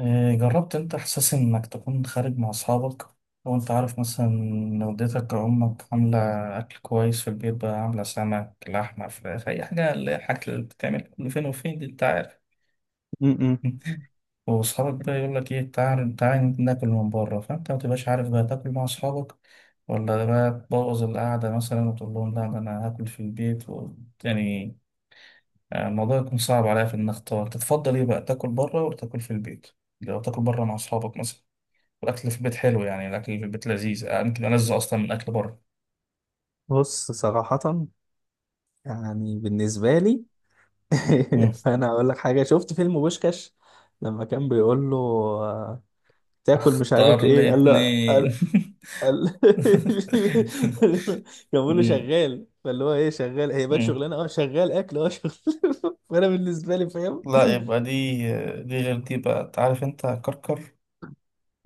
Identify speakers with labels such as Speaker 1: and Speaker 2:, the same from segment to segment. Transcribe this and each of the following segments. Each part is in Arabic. Speaker 1: آه، جربت انت احساس انك تكون خارج مع اصحابك لو انت عارف مثلا ان والدتك او امك عامله اكل كويس في البيت، بقى عامله سمك لحمه فراخ اي حاجه، اللي هي الحاجات اللي بتتعمل كل فين وفين دي، انت عارف.
Speaker 2: م-م.
Speaker 1: واصحابك بقى يقول لك ايه، تعال تعال ناكل من بره، فانت ما تبقاش عارف بقى تاكل مع اصحابك ولا بقى تبوظ القعده مثلا وتقول لهم لا ده انا هاكل في البيت و يعني آه، الموضوع يكون صعب عليا في ان اختار تتفضل ايه بقى، تاكل بره ولا تاكل في البيت؟ لو تاكل بره مع اصحابك مثلا، والاكل في البيت حلو، يعني الاكل في البيت لذيذ، آه، يمكن ألذ اصلا من اكل بره.
Speaker 2: بص صراحة، يعني بالنسبة لي.
Speaker 1: مم.
Speaker 2: فأنا أقول لك حاجة، شفت فيلم بوشكاش. لما كان بيقول له تاكل مش
Speaker 1: اختار
Speaker 2: عارف إيه، قال له،
Speaker 1: الاتنين.
Speaker 2: قال كان بيقول له
Speaker 1: مم.
Speaker 2: شغال، فاللي هو إيه، شغال، هي بقت
Speaker 1: مم.
Speaker 2: شغلانة، أه شغال أكل، أه شغل. فأنا بالنسبة لي فاهم.
Speaker 1: لا، يبقى دي غير دي بقى، تعرف انت كركر،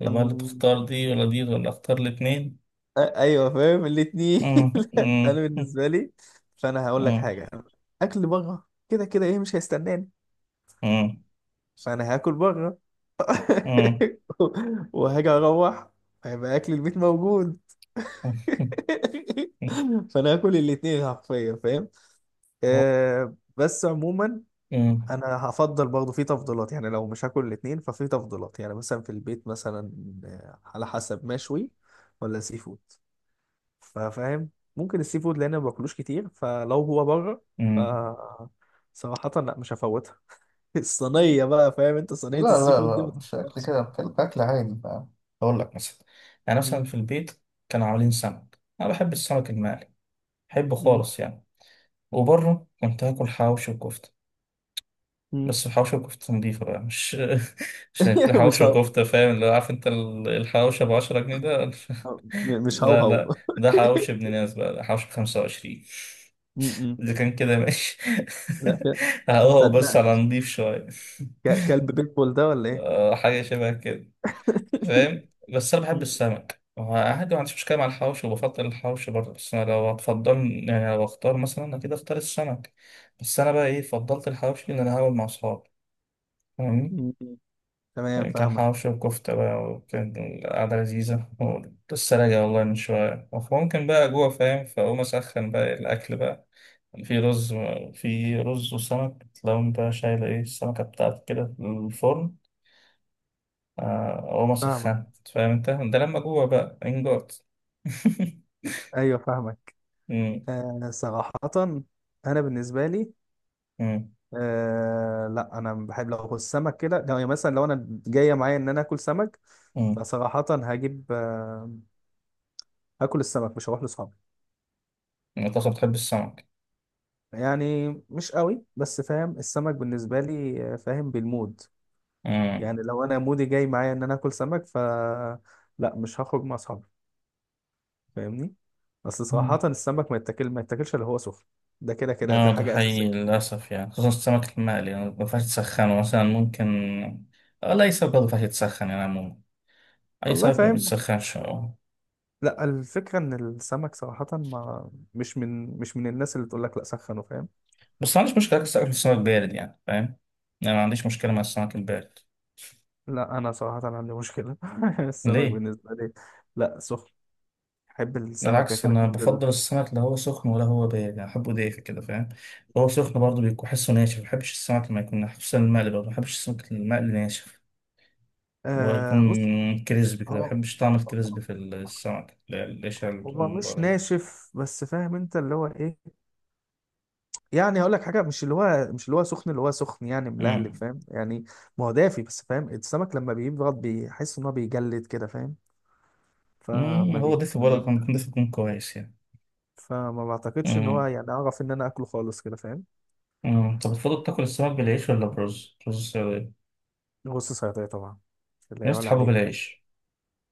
Speaker 1: يبقى اللي تختار دي ولا دي، ولا اختار الاتنين؟
Speaker 2: أيوه فاهم الاتنين.
Speaker 1: مم.
Speaker 2: أنا
Speaker 1: مم.
Speaker 2: بالنسبة لي، فأنا هقول لك
Speaker 1: مم.
Speaker 2: حاجة. أكل بره كده كده إيه مش هيستناني،
Speaker 1: مم.
Speaker 2: فانا هاكل بره.
Speaker 1: مم.
Speaker 2: وهاجي اروح، هيبقى اكل البيت موجود. فانا هاكل الاتنين حرفيا، فاهم؟
Speaker 1: هو.
Speaker 2: آه، بس عموما
Speaker 1: مم.
Speaker 2: انا هفضل برضه في تفضيلات. يعني لو مش هاكل الاتنين، ففي تفضيلات. يعني مثلا في البيت مثلا، على حسب مشوي ولا سي فود، فاهم؟ ممكن السي فود، لان أنا ما باكلوش كتير. فلو هو بره، ف صراحة لا مش هفوتها.
Speaker 1: مم.
Speaker 2: الصينية بقى، فاهم انت؟
Speaker 1: لا
Speaker 2: صينية السي
Speaker 1: لا
Speaker 2: فود دي
Speaker 1: لا،
Speaker 2: ما
Speaker 1: مش أكل
Speaker 2: تتفوتش.
Speaker 1: كده، بتكلم أكل عادي بقى. أقول لك مثلا، يعني مثلا
Speaker 2: مم.
Speaker 1: في البيت كانوا عاملين سمك، أنا بحب السمك المقلي، بحبه
Speaker 2: مم.
Speaker 1: خالص يعني. وبره كنت هاكل حواوشي وكفتة،
Speaker 2: مم.
Speaker 1: بس حواوشي وكفتة نضيفة بقى، مش مش
Speaker 2: مش
Speaker 1: حواوشي
Speaker 2: هو...
Speaker 1: وكفتة، فاهم اللي هو، عارف أنت الحواوشي أبو 10 جنيه ده؟
Speaker 2: مش
Speaker 1: لا لا،
Speaker 2: هوهو.
Speaker 1: ده حواوشي ابن ناس بقى، ده حواوشي ب25.
Speaker 2: مم.
Speaker 1: إذا كان كده ماشي.
Speaker 2: لا كده،
Speaker 1: هو بس على
Speaker 2: هصدقك.
Speaker 1: نضيف شوية.
Speaker 2: كلب بيتبول ده ولا ايه؟
Speaker 1: آه، حاجة شبه كده. فاهم بس انا بحب
Speaker 2: مم.
Speaker 1: السمك، وعادي ما عنديش مشكله مع الحوش، وبفضل الحوش برضه، بس انا لو هتفضل، يعني لو اختار مثلا اكيد اختار السمك. بس انا بقى، ايه، فضلت الحوش لان انا هاكل مع اصحابي، فاهمني؟
Speaker 2: مم. تمام،
Speaker 1: يعني كان
Speaker 2: فاهمك
Speaker 1: حوش وكفته بقى، وكان القعده لذيذه، ولسه راجع والله من شويه، ممكن بقى جوع فاهم، فاقوم اسخن بقى الاكل بقى. في رز، في رز وسمك، لو انت شايل ايه السمكه بتاعتك كده في الفرن، آه، وما
Speaker 2: فاهمك
Speaker 1: سخنت، فاهم انت ده لما جوه بقى انجارد.
Speaker 2: ايوه فاهمك.
Speaker 1: مم.
Speaker 2: آه صراحة، انا بالنسبة لي،
Speaker 1: مم.
Speaker 2: لا انا بحب لو اكل سمك كده. لو يعني مثلا لو انا جاية معايا ان انا اكل سمك،
Speaker 1: مم.
Speaker 2: فصراحة هجيب هاكل السمك، مش هروح لاصحابي.
Speaker 1: انت اصلا بتحب السمك؟
Speaker 2: يعني مش قوي، بس فاهم، السمك بالنسبة لي فاهم، بالمود.
Speaker 1: مم.
Speaker 2: يعني لو انا مودي جاي معايا ان انا اكل سمك لا مش هخرج مع اصحابي، فاهمني. اصل
Speaker 1: مم.
Speaker 2: صراحة السمك ما يتاكلش اللي هو سخن. ده كده كده ده
Speaker 1: اه ده
Speaker 2: حاجة
Speaker 1: حقيقي
Speaker 2: أساسية،
Speaker 1: للأسف، يعني خصوصا السمك المقلي يعني ما ينفعش تسخنه مثلا، ممكن، آه، لا أي سمك برضه ما ينفعش يتسخن يعني عموما. أي
Speaker 2: والله
Speaker 1: سمك ما
Speaker 2: فاهم.
Speaker 1: بيتسخنش آه.
Speaker 2: لا، الفكرة إن السمك صراحة ما مش من الناس اللي تقول لك لا سخنه، فاهم؟
Speaker 1: بس ما عنديش مشكلة أكل السمك، السمك بارد يعني، فاهم؟ يعني ما عنديش مشكلة مع السمك البارد.
Speaker 2: لا أنا صراحة عندي مشكلة. السمك
Speaker 1: ليه؟
Speaker 2: بالنسبة لي لا سخن، أحب السمكة
Speaker 1: بالعكس
Speaker 2: كده
Speaker 1: انا
Speaker 2: تنزل.
Speaker 1: بفضل السمك، لا هو سخن ولا هو بارد، يعني احبه دافي كده فاهم. هو سخن برضه بيكون حسه ناشف، ما بحبش السمك لما يكون ناشف، خصوصا المقلي برضه ما بحبش السمك المقلي ناشف، اللي هو يكون
Speaker 2: بص،
Speaker 1: كريسبي كده، ما
Speaker 2: هو
Speaker 1: بحبش طعم الكريسبي في السمك، لا القشره اللي بتكون
Speaker 2: هو
Speaker 1: من
Speaker 2: مش
Speaker 1: بره دي.
Speaker 2: ناشف، بس فاهم أنت اللي هو إيه. يعني هقول لك حاجه، مش اللي هو سخن، اللي هو سخن يعني ملهلب،
Speaker 1: أمم.
Speaker 2: فاهم يعني. ما هو دافي، بس فاهم السمك لما بيبرد بيحس ان هو بيجلد كده، فاهم؟
Speaker 1: أمم،
Speaker 2: فما
Speaker 1: هو
Speaker 2: بي...
Speaker 1: دافي،
Speaker 2: ما
Speaker 1: ولا
Speaker 2: بي...
Speaker 1: كان يكون دافي يكون كويس يعني.
Speaker 2: فما بعتقدش ان هو،
Speaker 1: أمم.
Speaker 2: يعني اعرف ان انا اكله خالص كده، فاهم؟
Speaker 1: أمم. طب بتفضل تاكل السمك بالعيش ولا برز؟ رز السعودية.
Speaker 2: بص صياديه طبعا، لا
Speaker 1: الناس
Speaker 2: يعلى
Speaker 1: بتحبه
Speaker 2: عليه، فاهم؟
Speaker 1: بالعيش،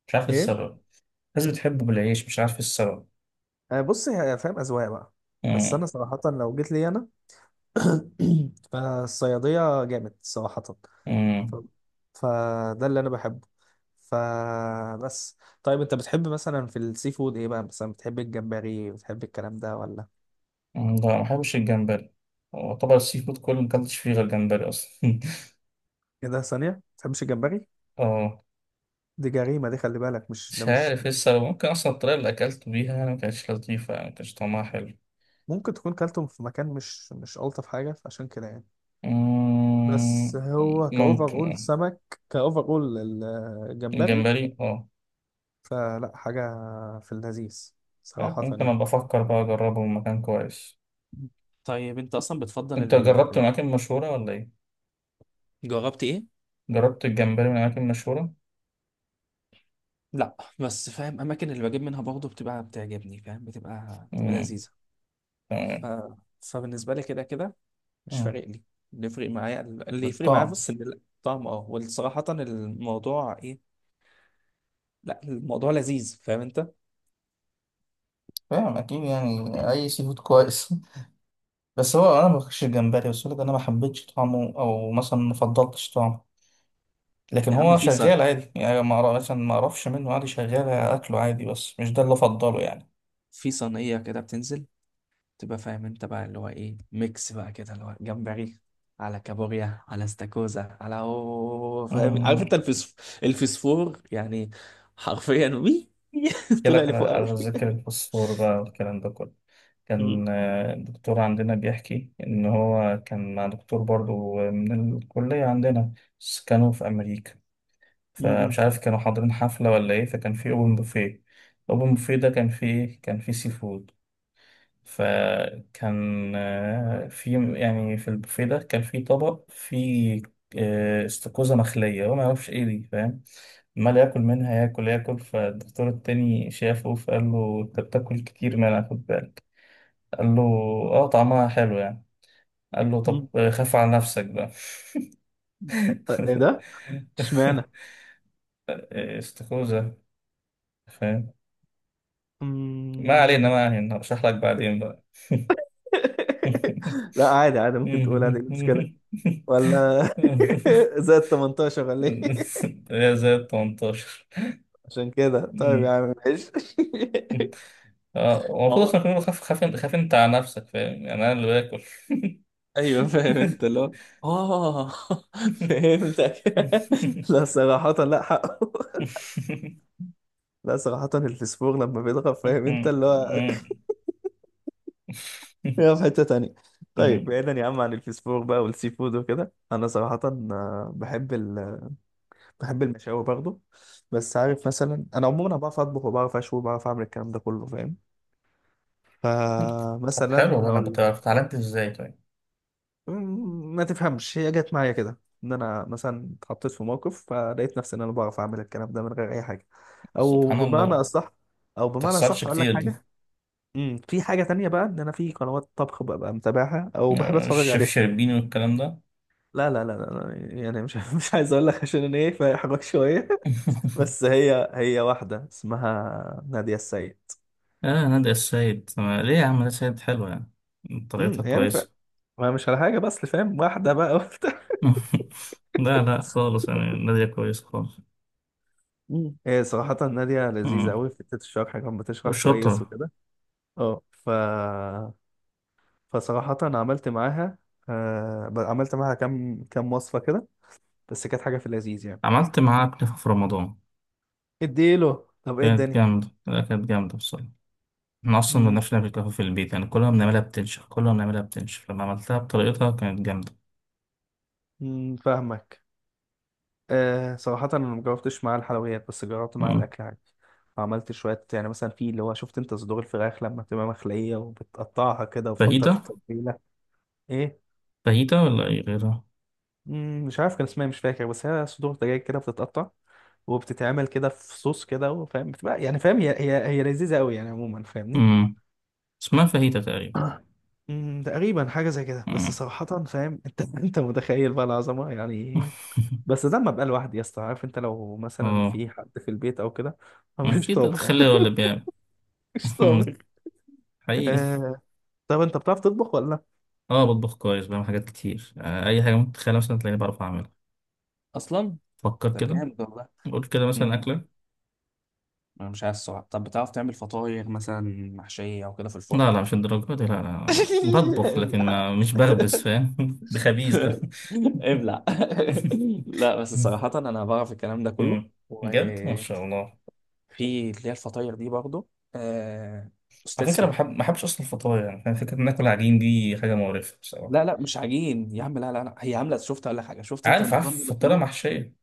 Speaker 1: مش عارف إيه
Speaker 2: ايه.
Speaker 1: السبب. الناس بتحبه بالعيش، مش عارف إيه السبب.
Speaker 2: بص، فاهم اذواق بقى. بس انا صراحه لو جيت لي انا فالصياديه جامد صراحه. ف...
Speaker 1: أمم.
Speaker 2: فده اللي انا بحبه. فبس طيب، انت بتحب مثلا في السي فود ايه بقى؟ مثلا بتحب الجمبري؟ بتحب الكلام ده ولا؟
Speaker 1: مم، لا ما بحبش الجمبري. يعتبر السي فود كله مكلتش فيه غير جمبري اصلا.
Speaker 2: ايه ده، ثانية ما بتحبش الجمبري؟
Speaker 1: اه.
Speaker 2: دي جريمة دي، خلي بالك، مش ده
Speaker 1: مش
Speaker 2: مش.
Speaker 1: عارف ايه السبب، ممكن اصلا الطريقة اللي اكلته بيها يعني ما كانتش لطيفة، يعني ما كانش طعمها حلو.
Speaker 2: ممكن تكون كلتهم في مكان مش ألطف حاجة، فعشان كده يعني. بس
Speaker 1: مم.
Speaker 2: هو كأوفر
Speaker 1: ممكن
Speaker 2: أول
Speaker 1: آه.
Speaker 2: سمك، كأوفر أول الجمبري.
Speaker 1: الجمبري اه.
Speaker 2: فلا حاجة في اللذيذ صراحة
Speaker 1: ممكن
Speaker 2: يعني.
Speaker 1: ابقى افكر بقى اجربه من مكان كويس.
Speaker 2: طيب انت اصلا بتفضل،
Speaker 1: انت جربت
Speaker 2: ال...
Speaker 1: من اماكن مشهورة ولا ايه؟
Speaker 2: جربت ايه؟
Speaker 1: جربت الجمبري من اماكن مشهورة؟
Speaker 2: لا، بس فاهم، اماكن اللي بجيب منها برضه بتبقى بتعجبني، فاهم؟ بتبقى
Speaker 1: مم.
Speaker 2: لذيذه. ف...
Speaker 1: تمام.
Speaker 2: فبالنسبه لي كده كده مش
Speaker 1: آه.
Speaker 2: فارق لي. اللي يفرق معايا
Speaker 1: الطعم.
Speaker 2: بس ان الطعم، اه، والصراحه الموضوع ايه. لا الموضوع لذيذ، فاهم انت.
Speaker 1: فاهم اكيد يعني، اي سي فود كويس. بس هو انا ما باكلش الجمبري، بس لك انا ما حبيتش طعمه، او مثلا ما فضلتش طعمه، لكن
Speaker 2: يا عم،
Speaker 1: هو شغال عادي يعني، ما أعرف- مثلا ما اعرفش منه عادي، شغال اكله عادي، بس مش ده اللي افضله يعني.
Speaker 2: في صينيه كده بتنزل، تبقى فاهم انت بقى اللي هو ايه، ميكس بقى كده، اللي هو جمبري، على كابوريا، على استاكوزا، على، اوه فاهم عارف انت،
Speaker 1: امم.
Speaker 2: الفسفور يعني، حرفيا وي.
Speaker 1: احكي
Speaker 2: طلع
Speaker 1: لك على
Speaker 2: لفوق قوي.
Speaker 1: على ذكر الفوسفور بقى والكلام ده كله،
Speaker 2: مم.
Speaker 1: كان آه، الدكتور عندنا بيحكي ان هو كان مع دكتور برضو من الكلية عندنا، بس كانوا في امريكا،
Speaker 2: مم.
Speaker 1: فمش عارف كانوا حاضرين حفلة ولا ايه، فكان في اوبن بوفيه، اوبن بوفيه ده كان فيه ايه، كان فيه سي فود، فكان آه، في يعني في البوفيه ده كان في طبق فيه، آه، استاكوزا مخلية. هو ما يعرفش ايه دي فاهم، عمال ياكل منها، ياكل ياكل، فالدكتور التاني شافه فقال له انت بتاكل كتير منها خد بالك، قال له اه طعمها حلو يعني، قال له
Speaker 2: مم.
Speaker 1: طب آه، خاف على نفسك بقى.
Speaker 2: ايه ده، اشمعنى؟
Speaker 1: آه، استاكوزا. فاهم. ما علينا
Speaker 2: مم.
Speaker 1: ما علينا، هشرح لك بعدين بقى.
Speaker 2: لا عادي، عادي، ممكن تقول عادي، إيه المشكلة ولا زائد 18 ولا ايه؟
Speaker 1: يا زي ال 18.
Speaker 2: عشان كده، طيب يا عم ماشي.
Speaker 1: اه هو
Speaker 2: ما
Speaker 1: المفروض
Speaker 2: هو،
Speaker 1: اصلا كمان، خاف خاف خاف انت على نفسك، فاهم يعني انا اللي باكل.
Speaker 2: ايوه فاهم انت اللي هو، اه. فهمتك. لا صراحة، لا حقه. لا صراحة، الفسفور لما بيضغط فاهم انت اللي هو، يا في حتة تانية. طيب بعيدا يا عم عن الفسفور بقى والسي فود وكده، انا صراحة آه، بحب بحب المشاوي برضه. بس عارف مثلا، انا عموما أنا بعرف اطبخ، وبعرف اشوي، وبعرف اعمل الكلام ده كله، فاهم؟
Speaker 1: طب حلو
Speaker 2: فمثلا
Speaker 1: والله، انا
Speaker 2: هقول
Speaker 1: كنت
Speaker 2: لك،
Speaker 1: اتعلمت ازاي طيب؟
Speaker 2: ما تفهمش، هي جت معايا كده، ان انا مثلا اتحطيت في موقف فلقيت نفسي ان انا بعرف اعمل الكلام ده من غير اي حاجه. او
Speaker 1: سبحان الله
Speaker 2: بمعنى
Speaker 1: ما
Speaker 2: اصح او بمعنى
Speaker 1: تحصلش
Speaker 2: اصح اقول لك
Speaker 1: كتير دي.
Speaker 2: حاجه، في حاجه تانية بقى، ان انا في قنوات طبخ ببقى متابعها او بحب
Speaker 1: آه،
Speaker 2: اتفرج
Speaker 1: الشيف
Speaker 2: عليها.
Speaker 1: شربيني والكلام ده.
Speaker 2: لا لا لا لا، يعني مش مش عايز اقول لك عشان انا ايه، فاحرج شويه. بس هي واحده اسمها نادية السيد.
Speaker 1: اه نادية السيد. ليه يا عم؟ نادية السيد حلوة يعني، طريقتها
Speaker 2: يعني
Speaker 1: كويسة.
Speaker 2: ما مش على حاجه، بس فاهم، واحده بقى وبتاع.
Speaker 1: لا لا خالص يعني، نادية كويسة خالص.
Speaker 2: هي صراحه ناديه لذيذه
Speaker 1: مم.
Speaker 2: قوي، في حته الشرح كانت بتشرح كويس
Speaker 1: وشاطرة.
Speaker 2: وكده. اه، فصراحه عملت معاها، عملت معاها كام كام وصفه كده، بس كانت حاجه في اللذيذ يعني.
Speaker 1: عملت معاها كنافة في رمضان،
Speaker 2: اديله، طب ايه
Speaker 1: كانت
Speaker 2: الدنيا.
Speaker 1: جامدة، لا كانت جامدة بصراحة. احنا أصلا ما
Speaker 2: امم
Speaker 1: بنعرفش نعمل كنافة في البيت يعني، كلها بنعملها بتنشف، كلها بنعملها بتنشف، لما عملتها بطريقتها كانت جامدة.
Speaker 2: أمم، فاهمك. صراحه انا ما جربتش معاها الحلويات، بس جربت معاها
Speaker 1: مم.
Speaker 2: الاكل عادي. عملت شوية، يعني مثلا في اللي هو شفت انت صدور الفراخ لما بتبقى مخلية، وبتقطعها كده وبتحطها في
Speaker 1: فاهيتا.
Speaker 2: التتبيلة. ايه.
Speaker 1: فاهيتا، ولا أي غيرها؟
Speaker 2: مش عارف كان اسمها إيه، مش فاكر، بس هي صدور دجاج كده بتتقطع، وبتتعمل كده في صوص كده، فاهم؟ بتبقى يعني، فاهم؟ هي لذيذة قوي يعني عموما، فاهمني.
Speaker 1: مم. اسمها فاهيتا تقريبا.
Speaker 2: تقريبا حاجة زي كده، بس
Speaker 1: مم.
Speaker 2: صراحة فاهم انت، انت متخيل بقى العظمة يعني إيه؟ بس ده لما ابقى لوحدي يا اسطى، عارف انت لو مثلا
Speaker 1: اه،
Speaker 2: في حد في البيت او كده، أنا مش
Speaker 1: أكيد
Speaker 2: طابخ.
Speaker 1: هتخليها ولا بيعمل.
Speaker 2: مش طابخ.
Speaker 1: حقيقي.
Speaker 2: آه... طب انت بتعرف تطبخ ولا لا؟
Speaker 1: اه بطبخ كويس، بعمل حاجات كتير آه، اي حاجه ممكن تتخيلها مثلا تلاقيني بعرف اعملها،
Speaker 2: اصلا،
Speaker 1: فكر
Speaker 2: طب
Speaker 1: كده،
Speaker 2: جامد والله.
Speaker 1: قول كده مثلا
Speaker 2: امم
Speaker 1: اكله.
Speaker 2: انا مش عايز الصراحه. طب بتعرف تعمل فطاير مثلا، محشيه او كده في الفرن؟
Speaker 1: لا لا مش الدرجه دي، لا لا بطبخ لكن
Speaker 2: ابلع
Speaker 1: ما مش بخبز فاهم. ده خبيث ده.
Speaker 2: ابلع. لا بس صراحة أنا بعرف الكلام ده كله،
Speaker 1: مم. بجد ما شاء
Speaker 2: وفي
Speaker 1: الله.
Speaker 2: اللي هي الفطاير دي برضه، آه، أستاذ
Speaker 1: على فكره
Speaker 2: فيها.
Speaker 1: بحب، ما بحبش اصلا الفطاير يعني فاهم؟ فكره ان اكل عجين دي حاجه مقرفه بصراحه.
Speaker 2: لا لا مش عجين يا عم، لا لا لا، هي عاملة، شفت، أقول لك حاجة، شفت أنت
Speaker 1: عارف عارف،
Speaker 2: المكرونة
Speaker 1: فطيره
Speaker 2: البشاميل؟
Speaker 1: محشيه.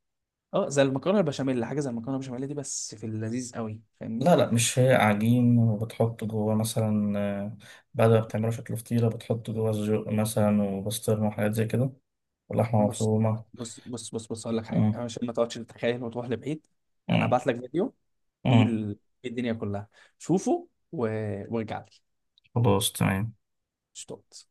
Speaker 2: أه زي المكرونة البشاميل، حاجة زي المكرونة البشاميل دي، بس في اللذيذ قوي، فاهمني؟
Speaker 1: لا لا مش، هي عجين وبتحط جواه مثلا آه، بعد ما بتعمله شكل فطيره بتحط جواه سجق مثلا وبسطرمه وحاجات زي كده، ولحمه
Speaker 2: بص
Speaker 1: مفرومه.
Speaker 2: بص بص بص بص، أقول لك حاجة.
Speaker 1: مم.
Speaker 2: أنا عشان ما تقعدش تتخيل وتروح لبعيد، أنا
Speaker 1: مم.
Speaker 2: هبعت لك فيديو،
Speaker 1: مم.
Speaker 2: فيه الدنيا كلها، شوفه وارجع لي،
Speaker 1: خلاص تمام.
Speaker 2: اشتغل.